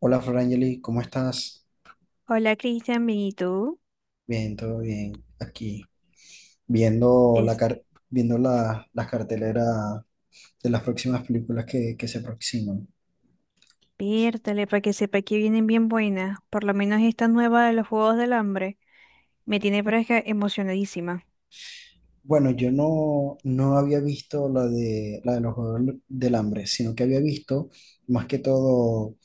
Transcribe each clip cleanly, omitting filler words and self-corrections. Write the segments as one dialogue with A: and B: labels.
A: Hola Florangeli, ¿cómo estás?
B: Hola Cristian, bien, ¿y tú?
A: Bien, todo bien. Aquí viendo la viendo las carteleras de las próximas películas que se aproximan.
B: Despiértale para que sepa que vienen bien buenas. Por lo menos esta nueva de los Juegos del Hambre me tiene pero es que emocionadísima.
A: Bueno, yo no, no había visto la de los Juegos del Hambre, sino que había visto más que todo,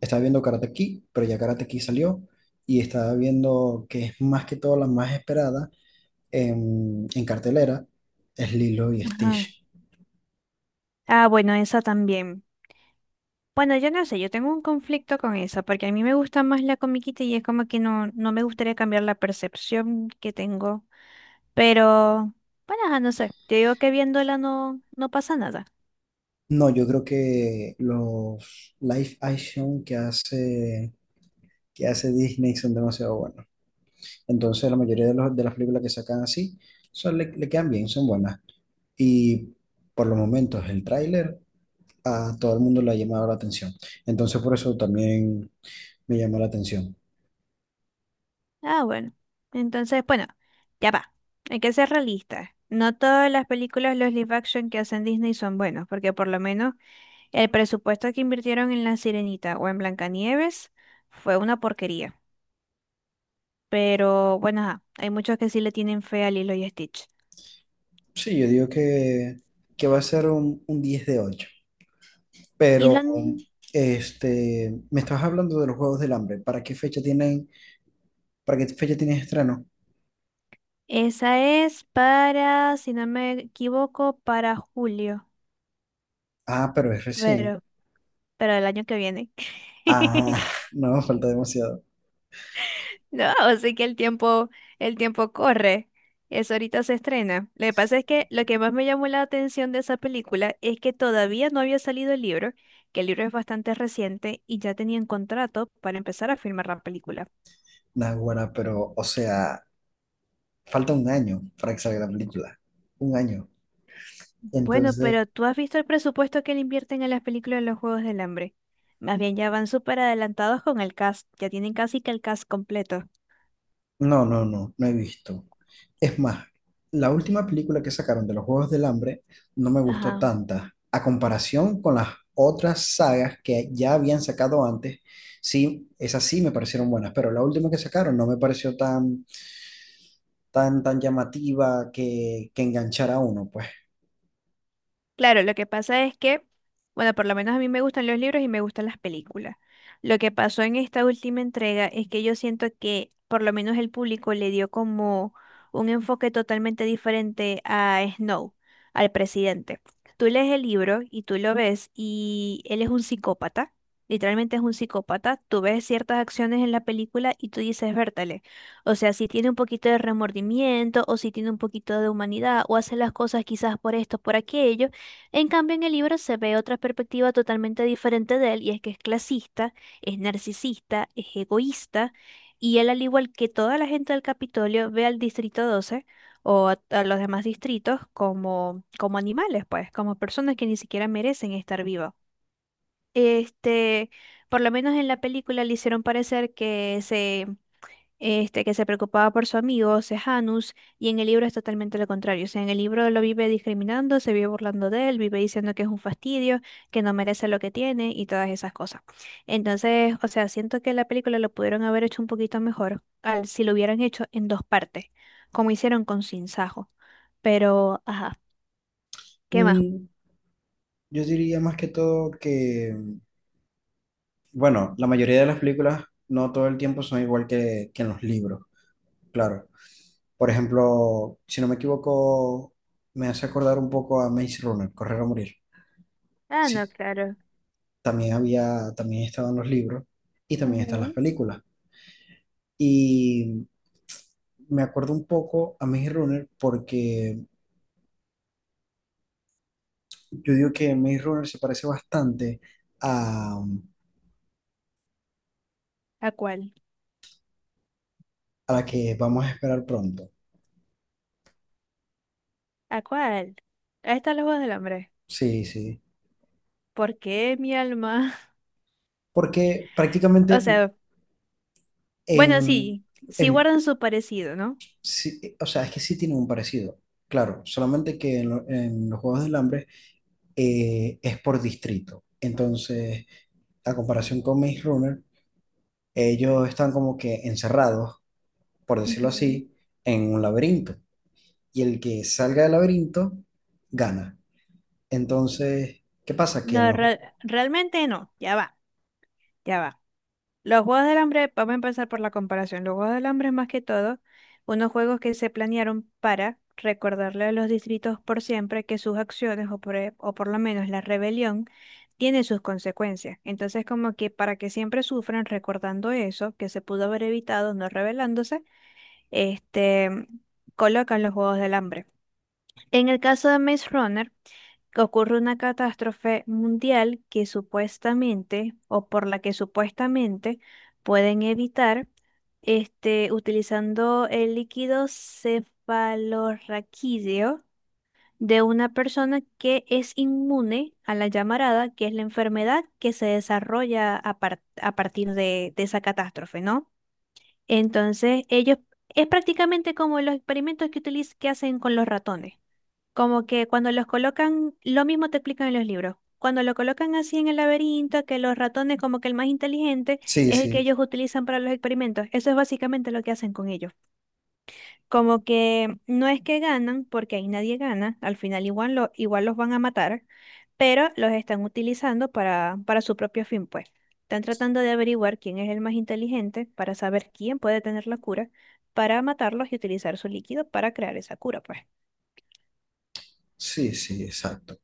A: estaba viendo Karate Kid, pero ya Karate Kid salió, y estaba viendo que es más que todo la más esperada en cartelera, es Lilo y
B: Ajá.
A: Stitch.
B: Ah, bueno, esa también. Bueno, yo no sé, yo tengo un conflicto con esa porque a mí me gusta más la comiquita y es como que no, no me gustaría cambiar la percepción que tengo. Pero, bueno, ajá, no sé, te digo que viéndola no, no pasa nada.
A: No, yo creo que los live action que hace Disney son demasiado buenos. Entonces, la mayoría de las películas que sacan así son, le quedan bien, son buenas. Y por los momentos, el tráiler a todo el mundo le ha llamado la atención. Entonces, por eso también me llamó la atención.
B: Ah, bueno. Entonces, bueno, ya va. Hay que ser realistas. No todas las películas, los live action que hacen Disney son buenos, porque por lo menos el presupuesto que invirtieron en La Sirenita o en Blancanieves fue una porquería. Pero bueno, ajá, hay muchos que sí le tienen fe a Lilo y Stitch.
A: Sí, yo digo que va a ser un 10 de ocho.
B: Y lo
A: Pero
B: han-
A: me estabas hablando de los Juegos del Hambre. ¿Para qué fecha para qué fecha tienen estreno?
B: esa es para, si no me equivoco, para julio,
A: Ah, pero es recién.
B: pero, pero el año que viene.
A: Ah, no, falta demasiado.
B: No, así que el tiempo corre. Eso ahorita se estrena. Lo que pasa es que lo que más me llamó la atención de esa película es que todavía no había salido el libro, que el libro es bastante reciente y ya tenían contrato para empezar a filmar la película.
A: Naguará, pero, o sea, falta un año para que salga la película. Un año.
B: Bueno,
A: Entonces,
B: pero tú has visto el presupuesto que le invierten a las películas de los Juegos del Hambre. Más bien ya van súper adelantados con el cast, ya tienen casi que el cast completo.
A: no, no, no, no he visto. Es más, la última película que sacaron de los Juegos del Hambre no me gustó
B: Ajá.
A: tanta. A comparación con las otras sagas que ya habían sacado antes, sí, esas sí me parecieron buenas, pero la última que sacaron no me pareció tan, tan, tan llamativa que enganchara a uno, pues.
B: Claro, lo que pasa es que, bueno, por lo menos a mí me gustan los libros y me gustan las películas. Lo que pasó en esta última entrega es que yo siento que por lo menos el público le dio como un enfoque totalmente diferente a Snow, al presidente. Tú lees el libro y tú lo ves y él es un psicópata, literalmente es un psicópata. Tú ves ciertas acciones en la película y tú dices, vértale, o sea, si tiene un poquito de remordimiento o si tiene un poquito de humanidad o hace las cosas quizás por esto, por aquello. En cambio, en el libro se ve otra perspectiva totalmente diferente de él, y es que es clasista, es narcisista, es egoísta, y él, al igual que toda la gente del Capitolio, ve al Distrito 12 o a los demás distritos como, como animales, pues, como personas que ni siquiera merecen estar vivas. Este, por lo menos en la película le hicieron parecer que que se preocupaba por su amigo Sejanus, y en el libro es totalmente lo contrario. O sea, en el libro lo vive discriminando, se vive burlando de él, vive diciendo que es un fastidio, que no merece lo que tiene y todas esas cosas. Entonces, o sea, siento que la película lo pudieron haber hecho un poquito mejor al, si lo hubieran hecho en dos partes, como hicieron con Sin Sajo. Pero, ajá, ¿qué más?
A: Mm, Yo diría más que todo bueno, la mayoría de las películas no todo el tiempo son igual que en los libros, claro. Por ejemplo, si no me equivoco, me hace acordar un poco a Maze Runner, Correr o Morir.
B: Ah, no,
A: Sí,
B: claro.
A: también había, también estaba en los libros y también están las
B: Ujú.
A: películas. Y me acuerdo un poco a Maze Runner porque yo digo que Maze Runner se parece bastante a,
B: ¿A cuál?
A: a la que vamos a esperar pronto.
B: ¿A cuál? Ahí está los Juegos del Hambre.
A: Sí, sí,
B: ¿Por qué mi alma?
A: porque
B: O
A: prácticamente
B: sea, bueno,
A: en,
B: sí, sí
A: en-
B: guardan su parecido, ¿no?
A: sí, o sea, es que sí tienen un parecido, claro, solamente que en los Juegos del Hambre es por distrito. Entonces, a comparación con Maze Runner, ellos están como que encerrados, por decirlo
B: Ujú.
A: así, en un laberinto. Y el que salga del laberinto gana. Entonces, ¿qué pasa? Que en
B: No,
A: los...
B: realmente no, ya va, ya va. Los Juegos del Hambre, vamos a empezar por la comparación. Los Juegos del Hambre, más que todo, unos juegos que se planearon para recordarle a los distritos por siempre que sus acciones, o por lo menos la rebelión, tiene sus consecuencias. Entonces, como que para que siempre sufran recordando eso, que se pudo haber evitado no rebelándose, este, colocan los Juegos del Hambre. En el caso de Maze Runner, ocurre una catástrofe mundial que supuestamente, o por la que supuestamente pueden evitar, utilizando el líquido cefalorraquídeo de una persona que es inmune a la llamarada, que es la enfermedad que se desarrolla a partir de esa catástrofe, ¿no? Entonces, ellos, es prácticamente como los experimentos que que hacen con los ratones. Como que cuando los colocan, lo mismo te explican en los libros. Cuando lo colocan así en el laberinto, que los ratones, como que el más inteligente,
A: Sí,
B: es el que
A: sí,
B: ellos utilizan para los experimentos. Eso es básicamente lo que hacen con ellos. Como que no es que ganan, porque ahí nadie gana, al final igual, igual los van a matar, pero los están utilizando para su propio fin, pues. Están tratando de averiguar quién es el más inteligente para saber quién puede tener la cura, para matarlos y utilizar su líquido para crear esa cura, pues.
A: sí, sí, exacto.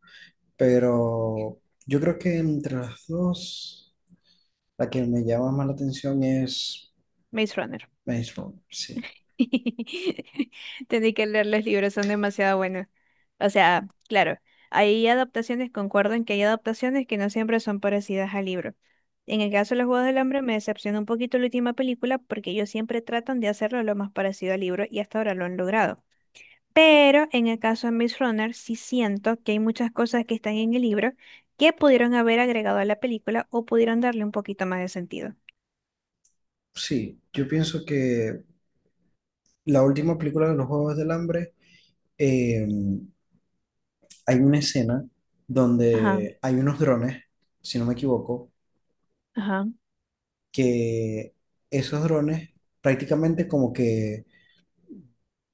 A: Pero yo creo que entre las dos... La que me llama más la atención es
B: Maze Runner.
A: Maze Runner, sí.
B: Tendí que leer los libros, son demasiado buenos. O sea, claro, hay adaptaciones, concuerdo en que hay adaptaciones que no siempre son parecidas al libro. En el caso de los Juegos del Hambre me decepcionó un poquito la última película porque ellos siempre tratan de hacerlo lo más parecido al libro y hasta ahora lo han logrado. Pero en el caso de Miss Runner sí siento que hay muchas cosas que están en el libro que pudieron haber agregado a la película o pudieron darle un poquito más de sentido.
A: Sí, yo pienso que la última película de los Juegos del Hambre, eh, hay una escena
B: Ajá,
A: donde hay unos drones, si no me equivoco,
B: ajá.
A: que esos drones prácticamente como que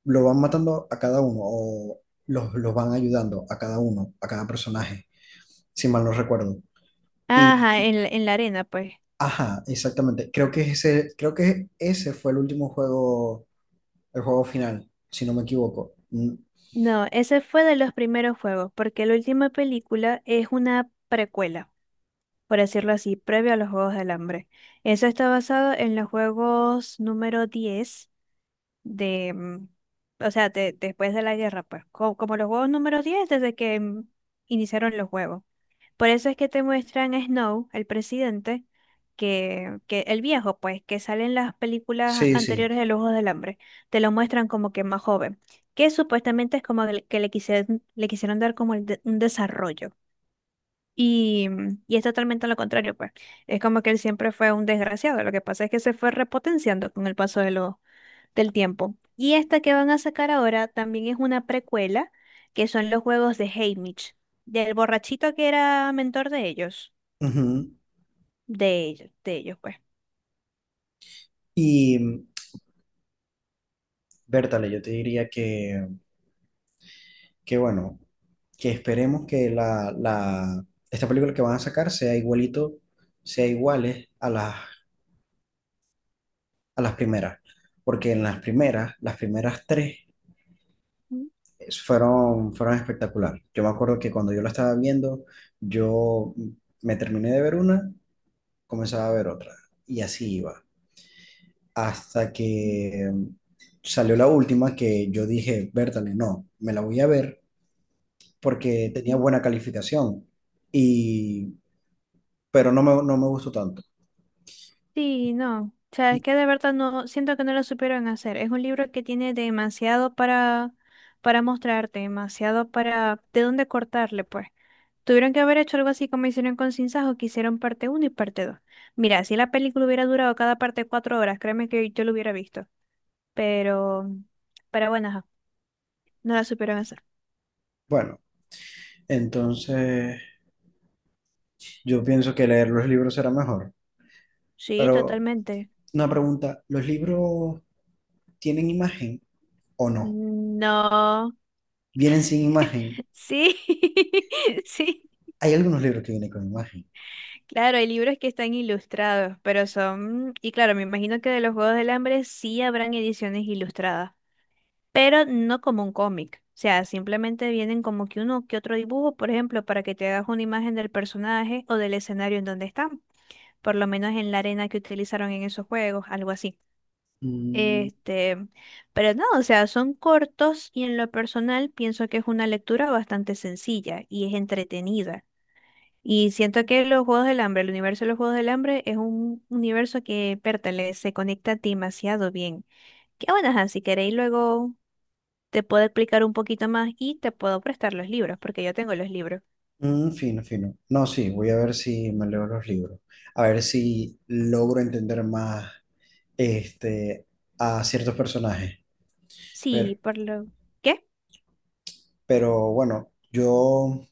A: lo van matando a cada uno o los van ayudando a cada uno, a cada personaje, si mal no recuerdo.
B: Ajá,
A: Y,
B: en la arena, pues.
A: ajá, exactamente. Creo que ese fue el último juego, el juego final, si no me equivoco. Mm,
B: No, ese fue de los primeros juegos, porque la última película es una precuela, por decirlo así, previo a los Juegos del Hambre. Eso está basado en los juegos número 10 de, mm, o sea, después de la guerra, pues, como, los juegos número 10 desde que iniciaron los juegos. Por eso es que te muestran a Snow, el presidente, que el viejo, pues, que sale en las películas
A: sí, sí.
B: anteriores de Los Ojos del Hambre, te lo muestran como que más joven, que supuestamente es como el que le quisieron dar como un desarrollo. Y, y es totalmente lo contrario, pues. Es como que él siempre fue un desgraciado. Lo que pasa es que se fue repotenciando con el paso del tiempo. Y esta que van a sacar ahora también es una precuela, que son los juegos de Haymitch, del borrachito que era mentor de ellos
A: Ujú.
B: de ellos, de ellos, pues.
A: Y Bertale, yo te diría que bueno, que esperemos que la esta película que van a sacar sea igualito, sea iguales a las primeras. Porque en las primeras tres fueron, fueron espectacular. Yo me acuerdo que cuando yo la estaba viendo, yo me terminé de ver una, comenzaba a ver otra. Y así iba, hasta
B: Ujú.
A: que salió la última que yo dije, Bertale, no, me la voy a ver porque tenía buena calificación y, pero no me gustó tanto.
B: Sí, no. O sea, es que de verdad no, siento que no lo supieron hacer. Es un libro que tiene demasiado para mostrarte, demasiado para, de dónde cortarle, pues. Tuvieron que haber hecho algo así como hicieron con Sin Sajo, que hicieron parte uno y parte 2. Mira, si la película hubiera durado cada parte 4 horas, créeme que yo lo hubiera visto. Pero, pero bueno, ajá, no la supieron hacer.
A: Bueno, entonces yo pienso que leer los libros será mejor.
B: Sí,
A: Pero
B: totalmente.
A: una pregunta, ¿los libros tienen imagen o no?
B: No.
A: ¿Vienen sin imagen?
B: Sí, sí.
A: Hay algunos libros que vienen con imagen.
B: Claro, hay libros que están ilustrados, pero son, y claro, me imagino que de los Juegos del Hambre sí habrán ediciones ilustradas, pero no como un cómic. O sea, simplemente vienen como que uno que otro dibujo, por ejemplo, para que te hagas una imagen del personaje o del escenario en donde están, por lo menos en la arena que utilizaron en esos juegos, algo así.
A: Mm,
B: Este, pero no, o sea, son cortos y en lo personal pienso que es una lectura bastante sencilla y es entretenida. Y siento que los Juegos del Hambre, el universo de los Juegos del Hambre es un universo que pertenece, se conecta demasiado bien. Que bueno, ajá, si queréis luego te puedo explicar un poquito más y te puedo prestar los libros, porque yo tengo los libros.
A: fino, fino. No, sí, voy a ver si me leo los libros. A ver si logro entender más este, a ciertos personajes. Pero,
B: Sí, por lo. ¿Qué?
A: pero bueno, yo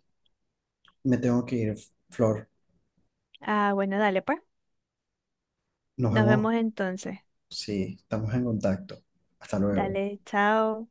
A: me tengo que ir, Flor.
B: Ah, bueno, dale pues.
A: Nos
B: Nos
A: vemos
B: vemos entonces.
A: si estamos en contacto. Hasta luego.
B: Dale, chao.